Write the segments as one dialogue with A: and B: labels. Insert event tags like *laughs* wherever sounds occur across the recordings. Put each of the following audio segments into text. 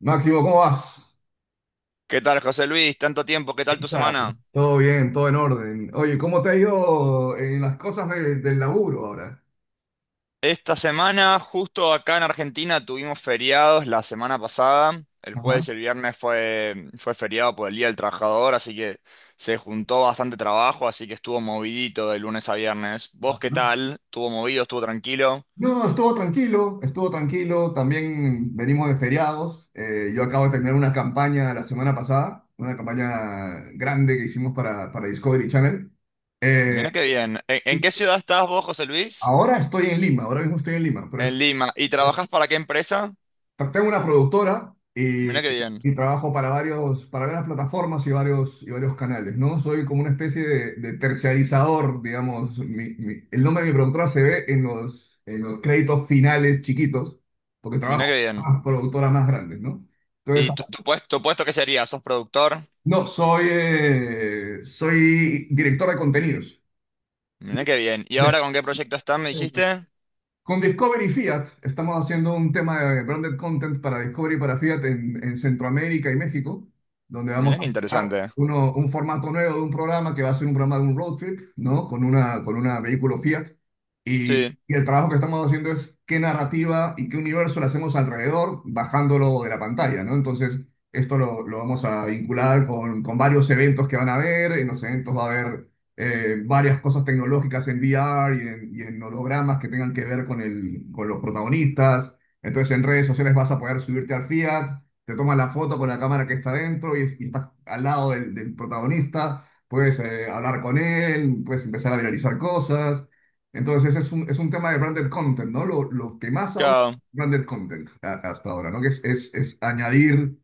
A: Máximo, ¿cómo vas?
B: ¿Qué tal, José Luis? Tanto tiempo, ¿qué tal
A: ¿Qué
B: tu
A: tal?
B: semana?
A: Todo bien, todo en orden. Oye, ¿cómo te ha ido en las cosas del laburo ahora?
B: Esta semana, justo acá en Argentina, tuvimos feriados la semana pasada. El
A: Ajá.
B: jueves y el viernes fue feriado por el Día del Trabajador, así que se juntó bastante trabajo, así que estuvo movidito de lunes a viernes. ¿Vos qué
A: ¿No?
B: tal? ¿Estuvo movido? ¿Estuvo tranquilo?
A: No, estuvo tranquilo, estuvo tranquilo. También venimos de feriados. Yo acabo de terminar una campaña la semana pasada, una campaña grande que hicimos para Discovery Channel. Eh,
B: Mirá qué bien. ¿En qué ciudad estás vos, José Luis?
A: ahora estoy en Lima, ahora mismo estoy en Lima, pero
B: En Lima. ¿Y trabajás para qué empresa?
A: tengo una productora y,
B: Mirá qué bien.
A: y trabajo para varios, para varias plataformas y varios canales, ¿no? Soy como una especie de terciarizador, digamos. El nombre de mi productora se ve en los créditos finales chiquitos, porque
B: Mirá qué
A: trabajo
B: bien.
A: con las productoras más grandes, ¿no? Entonces,
B: ¿Y tu puesto, tu puesto qué sería? ¿Sos productor?
A: no, soy, soy director de contenidos.
B: Mirá qué bien. ¿Y ahora con qué proyecto estás, me dijiste?
A: Con Discovery Fiat estamos haciendo un tema de branded content para Discovery y para Fiat en Centroamérica y México, donde vamos
B: Mira
A: a
B: qué
A: mezclar
B: interesante.
A: un formato nuevo de un programa que va a ser un programa de un road trip, ¿no? Con una vehículo Fiat. Y,
B: Sí,
A: y el trabajo que estamos haciendo es qué narrativa y qué universo le hacemos alrededor, bajándolo de la pantalla, ¿no? Entonces, esto lo vamos a vincular con varios eventos que van a haber. En los eventos va a haber varias cosas tecnológicas en VR y en hologramas que tengan que ver con con los protagonistas. Entonces, en redes sociales vas a poder subirte al Fiat, te tomas la foto con la cámara que está dentro y estás al lado del, del protagonista, puedes hablar con él, puedes empezar a viralizar cosas. Entonces es un tema de branded content, ¿no? Lo que más ahora
B: claro.
A: es branded content hasta ahora, ¿no? Que es añadir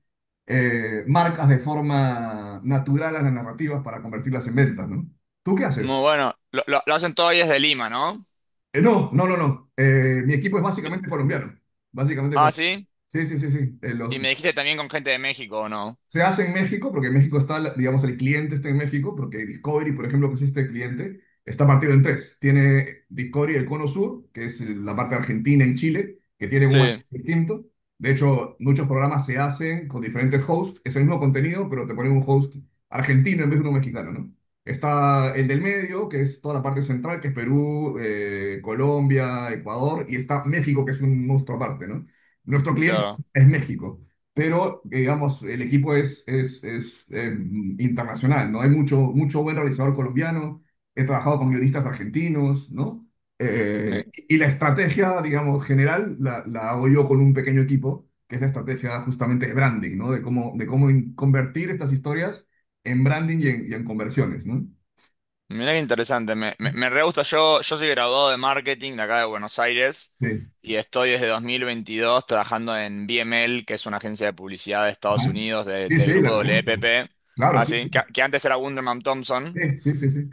A: marcas de forma natural a las narrativas para convertirlas en ventas, ¿no? ¿Tú qué haces?
B: Muy bueno. Lo hacen todo ahí desde Lima, ¿no?
A: No, no, no, no. Mi equipo es
B: Bi-
A: básicamente colombiano. Básicamente
B: Ah,
A: colombiano.
B: sí.
A: Sí, sí, sí, sí.
B: Y me dijiste también con gente de México, ¿o no?
A: Se hace en México porque en México está, digamos, el cliente está en México porque Discovery, por ejemplo, que es este cliente, está partido en tres. Tiene Discovery el Cono Sur, que es la parte argentina y Chile, que tienen un
B: Sí,
A: marco distinto. De hecho, muchos programas se hacen con diferentes hosts, es el mismo contenido, pero te ponen un host argentino en vez de uno mexicano, ¿no? Está el del medio, que es toda la parte central, que es Perú, Colombia, Ecuador, y está México, que es un monstruo aparte, ¿no? Nuestro cliente
B: claro.
A: es México, pero digamos, el equipo es internacional, ¿no? Hay mucho, mucho buen realizador colombiano, he trabajado con guionistas argentinos, ¿no?
B: Mi-
A: Y la estrategia, digamos, general la hago yo con un pequeño equipo, que es la estrategia justamente de branding, ¿no? De cómo convertir estas historias en branding y en conversiones, ¿no?
B: Mira qué interesante. Me re gusta. Yo soy graduado de marketing de acá de Buenos Aires
A: Sí.
B: y estoy desde 2022 trabajando en BML, que es una agencia de publicidad de Estados
A: Ajá.
B: Unidos de,
A: Sí,
B: de
A: sí, la
B: grupo
A: conozco.
B: WPP.
A: Claro,
B: Ah,
A: sí,
B: sí, que antes era Wunderman Thompson.
A: sí, sí, sí, sí. Sí.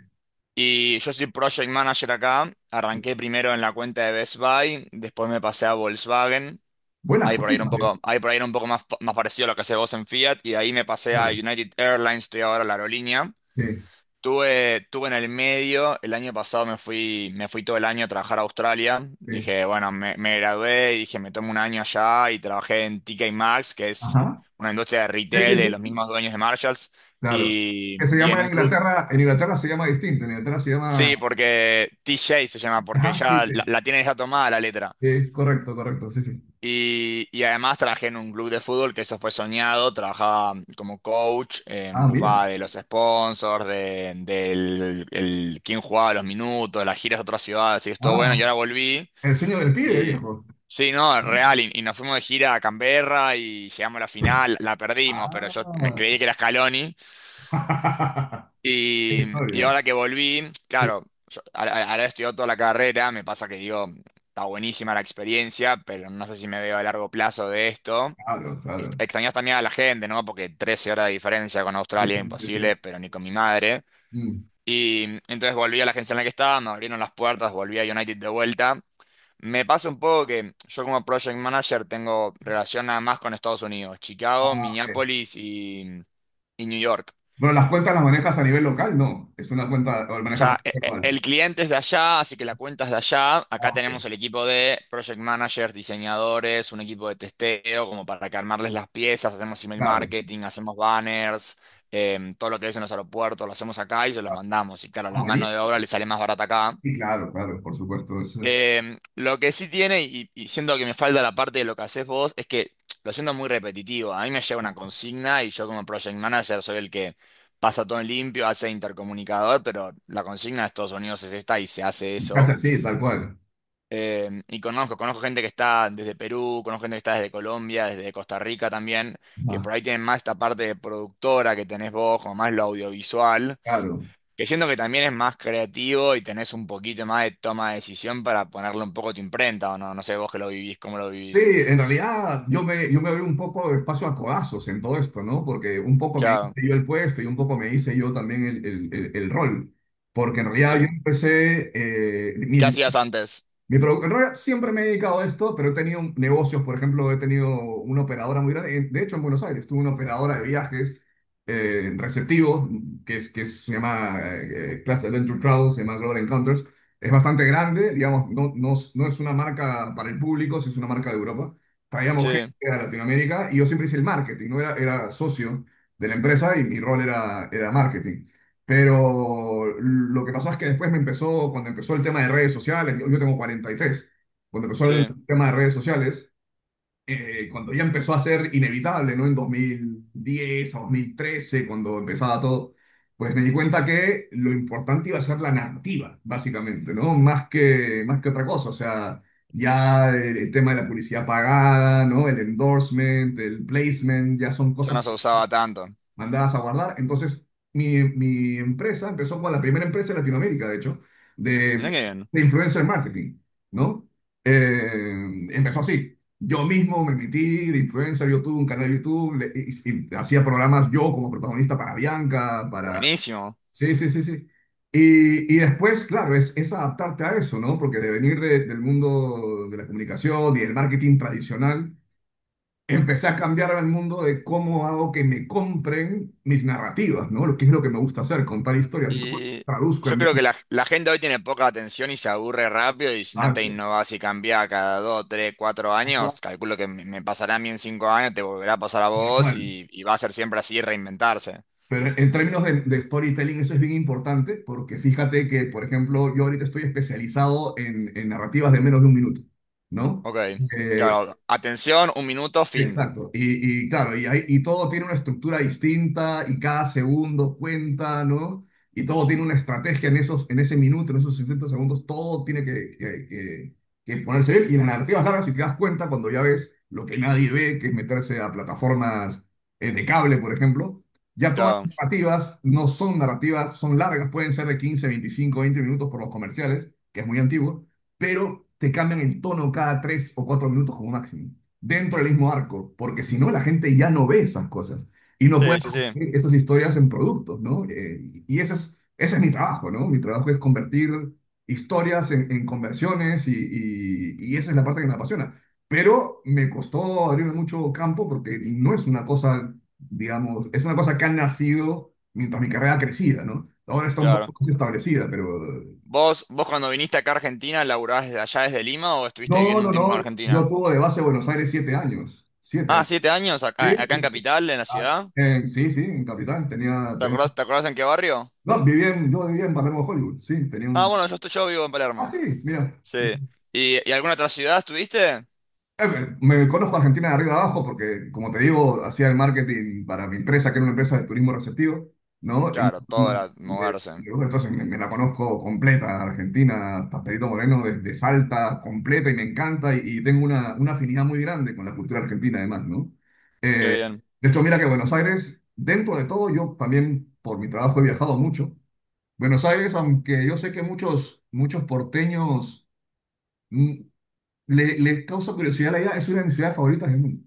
B: Y yo soy Project Manager acá.
A: Sí.
B: Arranqué primero en la cuenta de Best Buy, después me pasé a Volkswagen.
A: Buenas,
B: Ahí por ahí era un
A: cuéntame.
B: poco, ahí por ahí era un poco más, más parecido a lo que hace vos en Fiat. Y de ahí me pasé a
A: Claro,
B: United Airlines, estoy ahora en la aerolínea.
A: sí,
B: Tuve en el medio, el año pasado me fui todo el año a trabajar a Australia.
A: sí.
B: Dije, bueno, me gradué y dije, me tomo un año allá y trabajé en TK Maxx, que es
A: Ajá.
B: una industria de
A: Sí,
B: retail
A: sí,
B: de los
A: sí.
B: mismos dueños de Marshalls.
A: Claro. Que se
B: Y en
A: llama
B: un club.
A: En Inglaterra se llama distinto, en Inglaterra se llama
B: Sí, porque T J se llama, porque
A: Humpty
B: ya la,
A: Day.
B: la tiene ya tomada la letra.
A: Sí, correcto, correcto, sí, sí.
B: Y además trabajé en un club de fútbol que eso fue soñado, trabajaba como coach, me
A: Ah, mira.
B: ocupaba de los sponsors, de, del el, quién jugaba los minutos, las giras a otras ciudades, y estuvo bueno,
A: Ah,
B: y ahora volví.
A: el sueño del pibe,
B: Y
A: viejo.
B: sí, no, es real, y nos fuimos de gira a Canberra y llegamos a la final, la perdimos, pero
A: Ah.
B: yo me creí que era Scaloni.
A: *laughs* Qué
B: Y, y
A: historia.
B: ahora que volví,
A: Sí,
B: claro, yo ahora he estudiado toda la carrera, me pasa que digo, está buenísima la experiencia, pero no sé si me veo a largo plazo de esto.
A: claro, claro.
B: Extrañas también a la gente, ¿no? Porque 13 horas de diferencia con
A: Sí,
B: Australia,
A: sí, sí, sí.
B: imposible, pero ni con mi madre.
A: Mm.
B: Y entonces volví a la agencia en la que estaba, me abrieron las puertas, volví a United de vuelta. Me pasa un poco que yo como project manager tengo relación nada más con Estados Unidos, Chicago,
A: Ah, ok.
B: Minneapolis y New York.
A: Pero las cuentas las manejas a nivel local, no. Es una cuenta, o
B: O
A: manejas la
B: sea,
A: cuenta global.
B: el cliente es de allá, así que la cuenta es de allá.
A: Ah,
B: Acá tenemos
A: ok.
B: el equipo de project managers, diseñadores, un equipo de testeo, como para que armarles las piezas, hacemos email
A: Claro.
B: marketing, hacemos banners, todo lo que es en los aeropuertos, lo hacemos acá y se los mandamos. Y claro,
A: Ah,
B: la
A: buenísimo.
B: mano de obra le sale más barata acá.
A: Sí, claro, claro, por supuesto. Eso es
B: Lo que sí tiene, y siento que me falta la parte de lo que haces vos, es que lo siento muy repetitivo. A mí me llega una consigna y yo como project manager soy el que pasa todo en limpio, hace intercomunicador, pero la consigna de Estados Unidos es esta y se hace
A: casi
B: eso.
A: así, tal cual.
B: Y conozco gente que está desde Perú, conozco gente que está desde Colombia, desde Costa Rica también, que
A: Ah,
B: por ahí tienen más esta parte de productora que tenés vos, como más lo audiovisual.
A: claro.
B: Que siento que también es más creativo y tenés un poquito más de toma de decisión para ponerle un poco tu imprenta o no. No sé vos que lo vivís, cómo lo
A: Sí,
B: vivís.
A: en realidad yo me abrí un poco de espacio a codazos en todo esto, ¿no? Porque un poco me
B: Claro,
A: hice yo el puesto y un poco me hice yo también el, el rol. Porque en realidad yo
B: sí.
A: empecé,
B: ¿Qué hacías antes?
A: en realidad siempre me he dedicado a esto, pero he tenido negocios, por ejemplo, he tenido una operadora muy grande, de hecho en Buenos Aires, tuve una operadora de viajes receptivos, se llama Class Adventure Travel, se llama Global Encounters, es bastante grande, digamos, no, no, no es una marca para el público, sí es una marca de Europa, traíamos gente
B: Sí,
A: a Latinoamérica y yo siempre hice el marketing, no era, era socio de la empresa y mi rol era, era marketing. Pero lo que pasó es que después me empezó, cuando empezó el tema de redes sociales, yo tengo 43. Cuando empezó el
B: sí.
A: tema de redes sociales, cuando ya empezó a ser inevitable, ¿no? En 2010 a 2013, cuando empezaba todo, pues me di cuenta que lo importante iba a ser la narrativa, básicamente, ¿no? Más que otra cosa, o sea, ya el tema de la publicidad pagada, ¿no? El endorsement, el placement, ya son
B: Yo
A: cosas
B: no se usaba tanto.
A: mandadas a guardar. Entonces, mi empresa empezó como la primera empresa en Latinoamérica, de hecho,
B: Mirá
A: de,
B: qué bien.
A: de influencer marketing, ¿no? Empezó así. Yo mismo me metí de influencer, yo tuve un canal de YouTube y hacía programas yo como protagonista para Bianca, para...
B: Buenísimo.
A: Sí, sí, sí, sí. Y después, claro, es adaptarte a eso, ¿no? Porque de venir del mundo de la comunicación y el marketing tradicional, empecé a cambiar el mundo de cómo hago que me compren mis narrativas, ¿no? Lo que es lo que me gusta hacer, contar historias y cómo las
B: Y
A: traduzco
B: yo
A: en vez.
B: creo que la gente hoy tiene poca atención y se aburre rápido y si no te
A: Exacto.
B: innovás y cambiás cada dos, tres, cuatro
A: Manual.
B: años, calculo que me pasará a mí en 5 años, te volverá a pasar a vos y va a ser siempre así reinventarse.
A: Pero en términos de storytelling eso es bien importante porque fíjate que, por ejemplo, yo ahorita estoy especializado en narrativas de menos de un minuto, ¿no?
B: Ok.
A: Eh,
B: Claro, atención, un minuto, fin.
A: exacto. Y claro, y todo tiene una estructura distinta y cada segundo cuenta, ¿no? Y todo tiene una estrategia en esos, en ese minuto, en esos 60 segundos, todo tiene que ponerse bien. Y en las narrativas largas, si te das cuenta, cuando ya ves lo que nadie ve, que es meterse a plataformas de cable, por ejemplo, ya todas
B: Claro.
A: las narrativas no son narrativas, son largas, pueden ser de 15 25 20 minutos por los comerciales, que es muy antiguo, pero te cambian el tono cada 3 o 4 minutos como máximo dentro del mismo arco, porque si no la gente ya no ve esas cosas y no puede
B: Sí, sí, sí,
A: convertir esas historias en productos, ¿no? Y ese es mi trabajo, ¿no? Mi trabajo es convertir historias en conversiones y esa es la parte que me apasiona. Pero me costó abrirme mucho campo porque no es una cosa, digamos, es una cosa que ha nacido mientras mi carrera ha crecido, ¿no? Ahora está un
B: claro.
A: poco más establecida, pero...
B: ¿Vos cuando viniste acá a Argentina, ¿laburabas desde allá desde Lima o estuviste
A: No,
B: viviendo
A: no,
B: un tiempo
A: no,
B: en
A: yo
B: Argentina?
A: tuve de base Buenos Aires 7 años, siete
B: Ah,
A: años.
B: 7 años
A: Sí,
B: acá, acá en Capital, en la
A: Ah,
B: ciudad.
A: en- sí, sí, en Capital tenía,
B: ¿Te
A: tenía...
B: acordás, te acordás en qué barrio?
A: No, vivía en, yo vivía en Palermo Hollywood, sí, tenía
B: Ah,
A: un...
B: bueno, yo estoy, yo vivo en
A: Ah,
B: Palermo.
A: sí, mira. Sí.
B: Sí. ¿Y alguna otra ciudad estuviste?
A: Eh, conozco a Argentina de arriba abajo porque, como te digo, hacía el marketing para mi empresa, que era una empresa de turismo receptivo, ¿no?
B: Claro, todo era moverse.
A: Entonces me la conozco completa, Argentina, hasta Perito Moreno, desde Salta, completa, y me encanta, y tengo una afinidad muy grande con la cultura argentina, además, ¿no?
B: Qué bien,
A: De hecho, mira que Buenos Aires, dentro de todo, yo también por mi trabajo he viajado mucho. Buenos Aires, aunque yo sé que muchos, muchos porteños mm, les causa curiosidad la idea, es una de mis ciudades favoritas del mundo,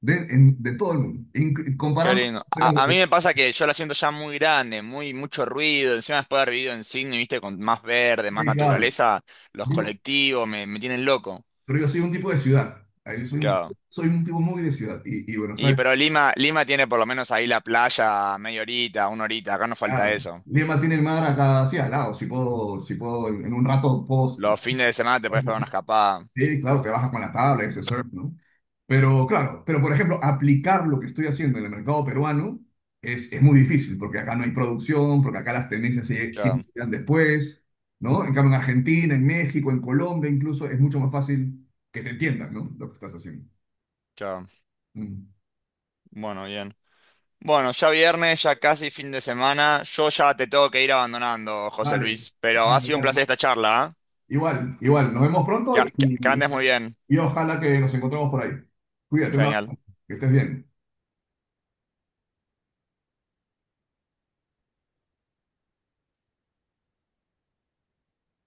A: de todo el mundo.
B: qué
A: Comparando con
B: lindo. A,
A: ciudades
B: a mí
A: de...
B: me pasa que yo la siento ya muy grande, muy, mucho ruido. Encima después de haber vivido en Sydney, viste, con más verde, más
A: claro,
B: naturaleza, los
A: digo,
B: colectivos me tienen loco.
A: pero yo soy un tipo de ciudad. Ah, yo
B: Claro.
A: soy un tipo muy de ciudad. Y Buenos
B: Y
A: Aires,
B: pero Lima tiene por lo menos ahí la playa media horita, una horita, acá no falta
A: claro.
B: eso.
A: Lima tiene el mar acá así al lado. Si puedo, si puedo, en un rato puedo...
B: Los fines de semana te puedes pegar una escapada.
A: Sí, claro, te baja con la tabla, ese surf, ¿no? Pero claro, pero por ejemplo, aplicar lo que estoy haciendo en el mercado peruano es muy difícil, porque acá no hay producción, porque acá las tendencias
B: Claro,
A: siempre llegan después, ¿no? En cambio, en Argentina, en México, en Colombia incluso, es mucho más fácil que te entiendan, ¿no? Lo que estás haciendo.
B: claro.
A: Mm.
B: Bueno, bien. Bueno, ya viernes, ya casi fin de semana. Yo ya te tengo que ir abandonando, José
A: Vale,
B: Luis. Pero ha
A: vale,
B: sido un
A: dale.
B: placer
A: No.
B: esta charla, ¿ah?
A: Igual, igual, nos vemos pronto y,
B: Que
A: y
B: andes muy bien.
A: y ojalá que nos encontremos por ahí. Cuídate, un
B: Genial.
A: abrazo, que estés bien.